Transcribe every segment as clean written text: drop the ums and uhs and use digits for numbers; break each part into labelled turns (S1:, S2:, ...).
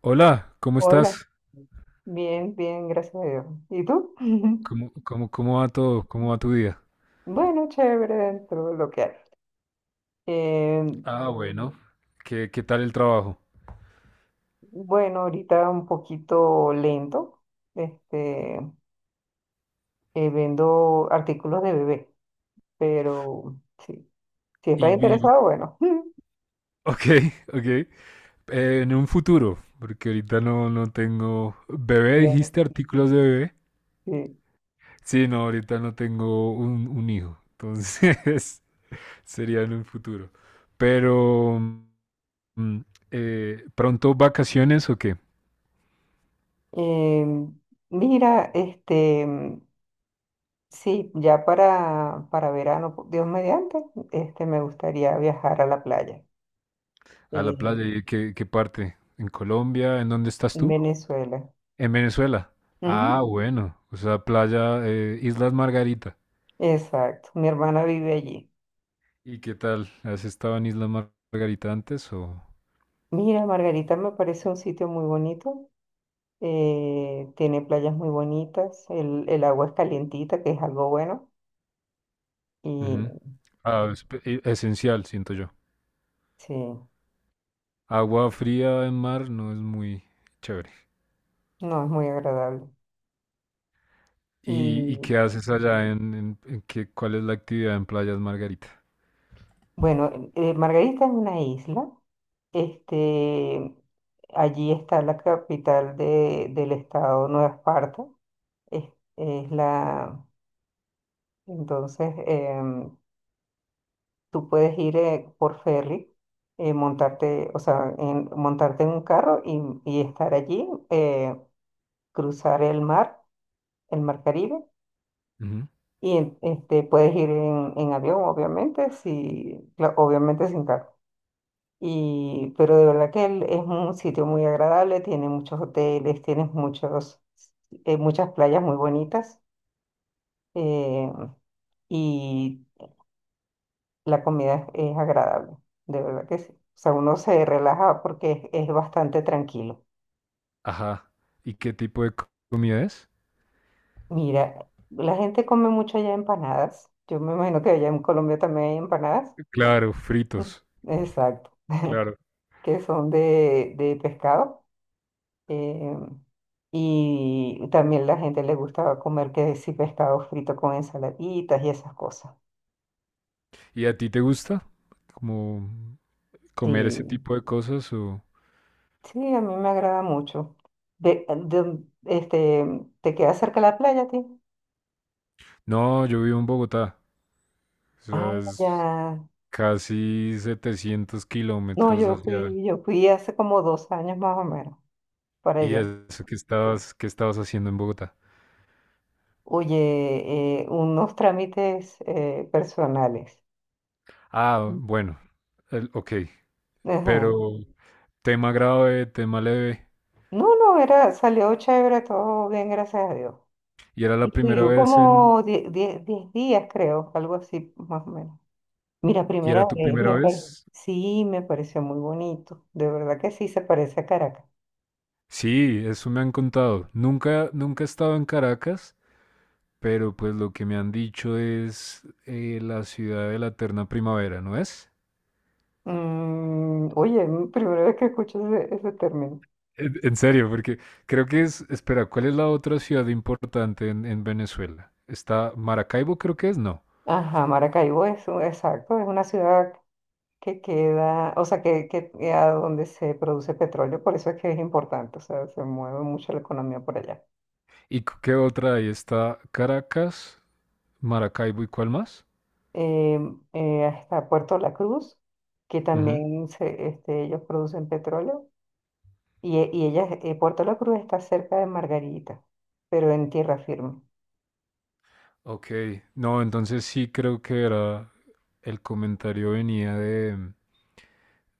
S1: Hola, ¿cómo
S2: Hola,
S1: estás?
S2: bien, bien, gracias a Dios. ¿Y tú?
S1: ¿Cómo va todo? ¿Cómo va tu día?
S2: Bueno, chévere dentro de lo que hay. Eh,
S1: Ah, bueno. ¿Qué tal el trabajo?
S2: bueno, ahorita un poquito lento, este, vendo artículos de bebé, pero sí, si
S1: Y
S2: estás
S1: vivo.
S2: interesado, bueno,
S1: Ok, ok. En un futuro, porque ahorita no, no tengo... ¿Bebé
S2: bien,
S1: dijiste artículos de bebé?
S2: sí.
S1: Sí, no, ahorita no tengo un hijo, entonces sería en un futuro. Pero, mm, ¿pronto vacaciones o qué?
S2: Eh, mira, sí, ya para verano, por Dios mediante, me gustaría viajar a la playa,
S1: A la
S2: eh,
S1: playa, ¿y qué parte? ¿En Colombia? ¿En dónde estás
S2: en
S1: tú?
S2: Venezuela.
S1: En Venezuela. Ah,
S2: Ujú.
S1: bueno. O sea, playa, Islas Margarita.
S2: Exacto, mi hermana vive allí.
S1: ¿Y qué tal? ¿Has estado en Margarita antes o...?
S2: Mira, Margarita me parece un sitio muy bonito, tiene playas muy bonitas, el agua es calientita, que es algo bueno,
S1: Ujú.
S2: y
S1: Ah, esencial, siento yo.
S2: sí,
S1: Agua fría en mar no es muy chévere.
S2: no, es muy agradable.
S1: ¿Y,
S2: Y
S1: y qué haces allá en qué, cuál es la actividad en Playas Margarita?
S2: bueno, Margarita es una isla, este, allí está la capital del estado Nueva Esparta, es, es la, entonces, tú puedes ir por ferry, montarte, o sea, montarte en un carro y estar allí, cruzar el mar Caribe,
S1: Ujú.
S2: y puedes ir en avión, obviamente, si, obviamente sin carro. Y, pero de verdad que es un sitio muy agradable, tiene muchos hoteles, tienes muchos, muchas playas muy bonitas. eh, y la comida es agradable, de verdad que sí. O sea, uno se relaja porque es bastante tranquilo.
S1: Ajá. ¿Y qué tipo de comida es?
S2: Mira, la gente come mucho allá empanadas. Yo me imagino que allá en Colombia también hay empanadas.
S1: Claro, fritos.
S2: Exacto,
S1: Claro.
S2: que son de pescado. eh, y también la gente le gusta comer que sí pescado frito con ensaladitas y esas cosas.
S1: ¿Y a ti te gusta como comer ese
S2: Sí,
S1: tipo de cosas o...?
S2: sí, a mí me agrada mucho. De, ¿te queda cerca la playa, a ti?
S1: No, yo vivo en Bogotá. O sea,
S2: Ah, ya.
S1: es casi 700
S2: No,
S1: kilómetros hacia...
S2: yo fui hace como 2 años más o menos para
S1: ¿Y
S2: allá.
S1: eso que estabas haciendo en Bogotá?
S2: Oye, unos trámites personales.
S1: Ah,
S2: Mm.
S1: bueno, ok,
S2: Ajá.
S1: pero tema grave, tema leve.
S2: No, no, era, salió chévere, todo bien, gracias a Dios.
S1: ¿Y era la
S2: Y
S1: primera
S2: fui
S1: vez en...
S2: como 10 días, creo, algo así, más o menos. Mira,
S1: ¿Y
S2: primera
S1: era tu
S2: vez,
S1: primera vez?
S2: sí, me pareció muy bonito, de verdad que sí, se parece a Caracas.
S1: Sí, eso me han contado. Nunca, nunca he estado en Caracas, pero pues lo que me han dicho es la ciudad de la eterna primavera, ¿no es?
S2: Mm, oye, primera vez que escucho ese, ese término.
S1: En serio, porque creo que es, espera, ¿cuál es la otra ciudad importante en Venezuela? Está Maracaibo, creo que es, no.
S2: Ajá, Maracaibo es, exacto, es una ciudad que queda, o sea, que a donde se produce petróleo, por eso es que es importante, o sea, se mueve mucho la economía por allá.
S1: ¿Y qué otra hay? Está Caracas, Maracaibo y ¿cuál más?
S2: Eh, Hasta Puerto La Cruz, que
S1: Ujú.
S2: también se, ellos producen petróleo, y, y ella, Puerto La Cruz está cerca de Margarita, pero en tierra firme.
S1: Ok, no, entonces sí creo que era, el comentario venía de,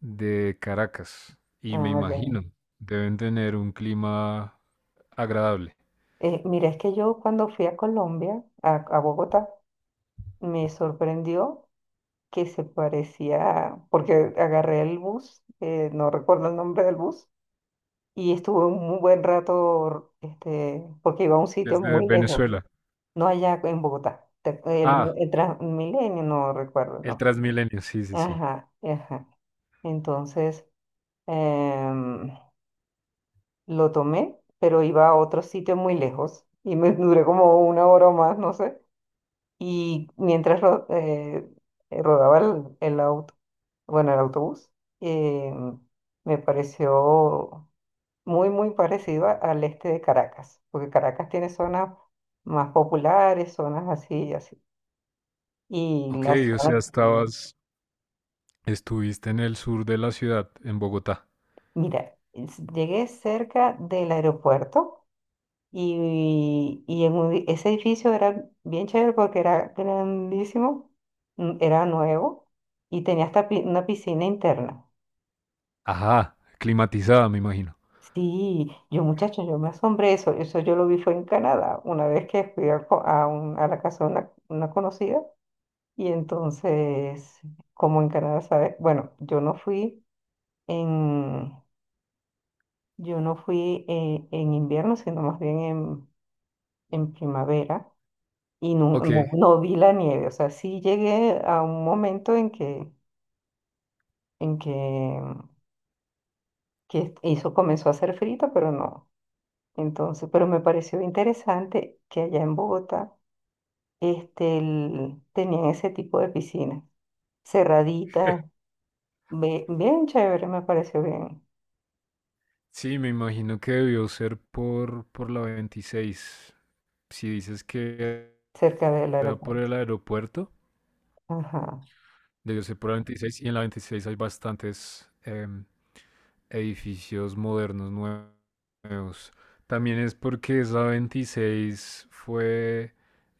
S1: de Caracas y me
S2: Ah, ya.
S1: imagino, deben tener un clima agradable
S2: Mira, es que yo cuando fui a Colombia, a Bogotá, me sorprendió que se parecía, porque agarré el bus, no recuerdo el nombre del bus, y estuve un buen rato porque iba a un sitio
S1: desde
S2: muy lejos,
S1: Venezuela.
S2: no allá en Bogotá,
S1: Ah,
S2: el Transmilenio, no recuerdo el
S1: el
S2: nombre.
S1: Transmilenio, sí, sí, sí.
S2: Ajá, ajá. Entonces, em, lo tomé, pero iba a otro sitio muy lejos y me duré como 1 hora o más, no sé. Y mientras rodaba el auto, bueno, el autobús, em, me pareció muy, muy parecida al este de Caracas, porque Caracas tiene zonas más populares, zonas así y así. Y
S1: Ok,
S2: la
S1: o
S2: zona,
S1: sea, estabas, estuviste en el sur de la ciudad, en Bogotá.
S2: mira, llegué cerca del aeropuerto y en ese edificio era bien chévere porque era grandísimo, mm, era nuevo y tenía hasta una piscina interna.
S1: Ajá, climatizada, me imagino.
S2: Sí, yo muchacho, yo me asombré eso, eso yo lo vi fue en Canadá, una vez que fui a, a a la casa de una conocida. Y entonces, como en Canadá, ¿sabes? Bueno, yo no fui en, yo no fui invierno, sino más bien en primavera y no,
S1: Ok,
S2: no, no vi la nieve. O sea, sí llegué a un momento en que, que hizo, comenzó a hacer frío, pero no. Entonces, pero me pareció interesante que allá en Bogotá tenían ese tipo de piscinas cerraditas, bien chévere, me pareció bien.
S1: sí, me imagino que debió ser por la 26. Si dices que
S2: Cerca del
S1: era por
S2: aeropuerto.
S1: el aeropuerto,
S2: Ajá.
S1: debió ser por la 26 y en la 26 hay bastantes edificios modernos nuevos. También es porque esa 26 fue,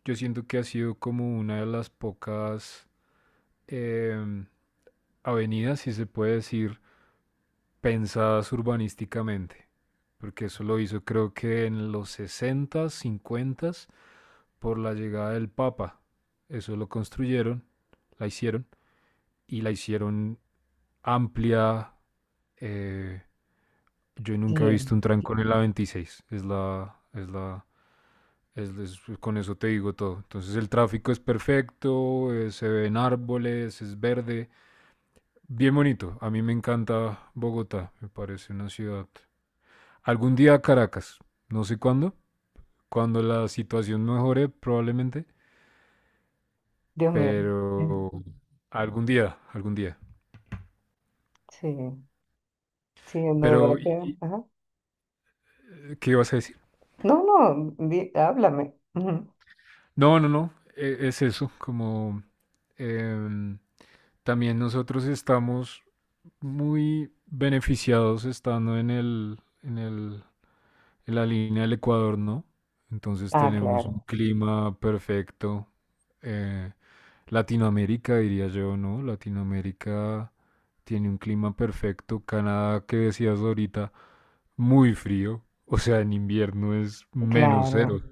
S1: yo siento que ha sido como una de las pocas... em, avenida, si se puede decir, pensadas urbanísticamente, porque eso lo hizo creo que en los 60, 50, por la llegada del Papa. Eso lo construyeron, la hicieron, y la hicieron amplia. eh, yo nunca he
S2: Sí,
S1: visto un trancón en la 26, es la, es la, es- con eso te digo todo. Entonces el tráfico es perfecto, se ven árboles, es verde, bien bonito. A mí me encanta Bogotá. Me parece una ciudad. Algún día Caracas. No sé cuándo. Cuando la situación mejore, probablemente.
S2: Dios mío. Mm.
S1: Pero algún día, algún día.
S2: Sí, sí, no, de verdad
S1: Pero,
S2: que. Ajá.
S1: ¿qué ibas a decir?
S2: No, no, háblame. Ujú.
S1: No, no, no. Es eso. Como em, también nosotros estamos muy beneficiados estando en la línea del Ecuador, ¿no? Entonces
S2: Ah,
S1: tenemos un
S2: claro,
S1: clima perfecto. eh, Latinoamérica, diría yo, ¿no? Latinoamérica tiene un clima perfecto. Canadá, que decías ahorita, muy frío. O sea, en invierno es menos cero.
S2: claro.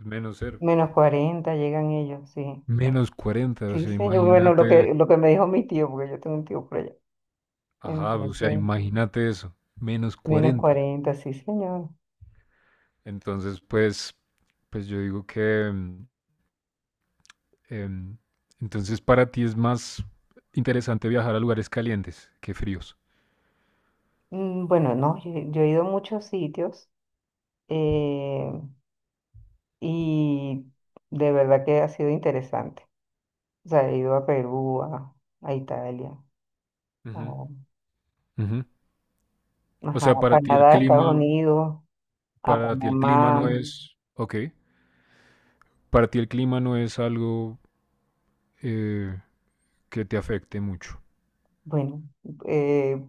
S1: Menos cero.
S2: Menos 40 llegan ellos, sí.
S1: -40. O
S2: Sí,
S1: sea,
S2: señor. Bueno,
S1: imagínate.
S2: lo que me dijo mi tío, porque yo tengo un tío por allá.
S1: Ajá, o sea,
S2: Entonces,
S1: imagínate eso. Menos
S2: menos
S1: 40.
S2: 40, sí, señor.
S1: Entonces, pues yo digo que, Em, entonces, para ti es más interesante viajar a lugares calientes que fríos.
S2: Mm, bueno, no, yo he ido a muchos sitios, eh, y de verdad que ha sido interesante. O sea, he ido a Perú, a Italia,
S1: Ujú,
S2: oh,
S1: ujú. O
S2: ajá,
S1: sea,
S2: Canadá, Estados Unidos, a
S1: para ti el clima no
S2: Panamá.
S1: es, ok, para ti el clima no es algo eh, que te afecte mucho.
S2: Bueno, eh,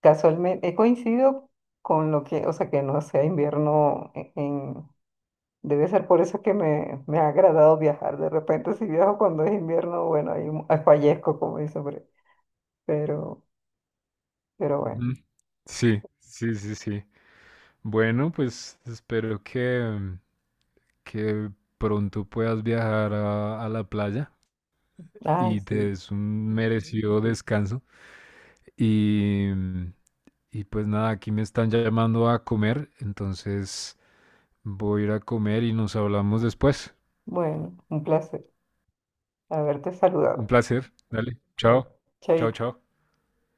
S2: casualmente he coincidido con lo que, o sea, que no sea invierno debe ser por eso que me ha agradado viajar. De repente, si viajo cuando es invierno, bueno, ahí ahí fallezco, como dice, hombre. Pero, pero bueno.
S1: Ujú. Sí, sí, sí, sí. Bueno, pues espero que, pronto puedas viajar a la playa
S2: Ah,
S1: y te
S2: sí.
S1: des un merecido descanso. Y, Y pues nada, aquí me están llamando a comer, entonces voy a ir a comer y nos hablamos después.
S2: Bueno, un placer haberte
S1: Un
S2: saludado.
S1: placer. Dale. Chao. Chao,
S2: Chaito.
S1: chao.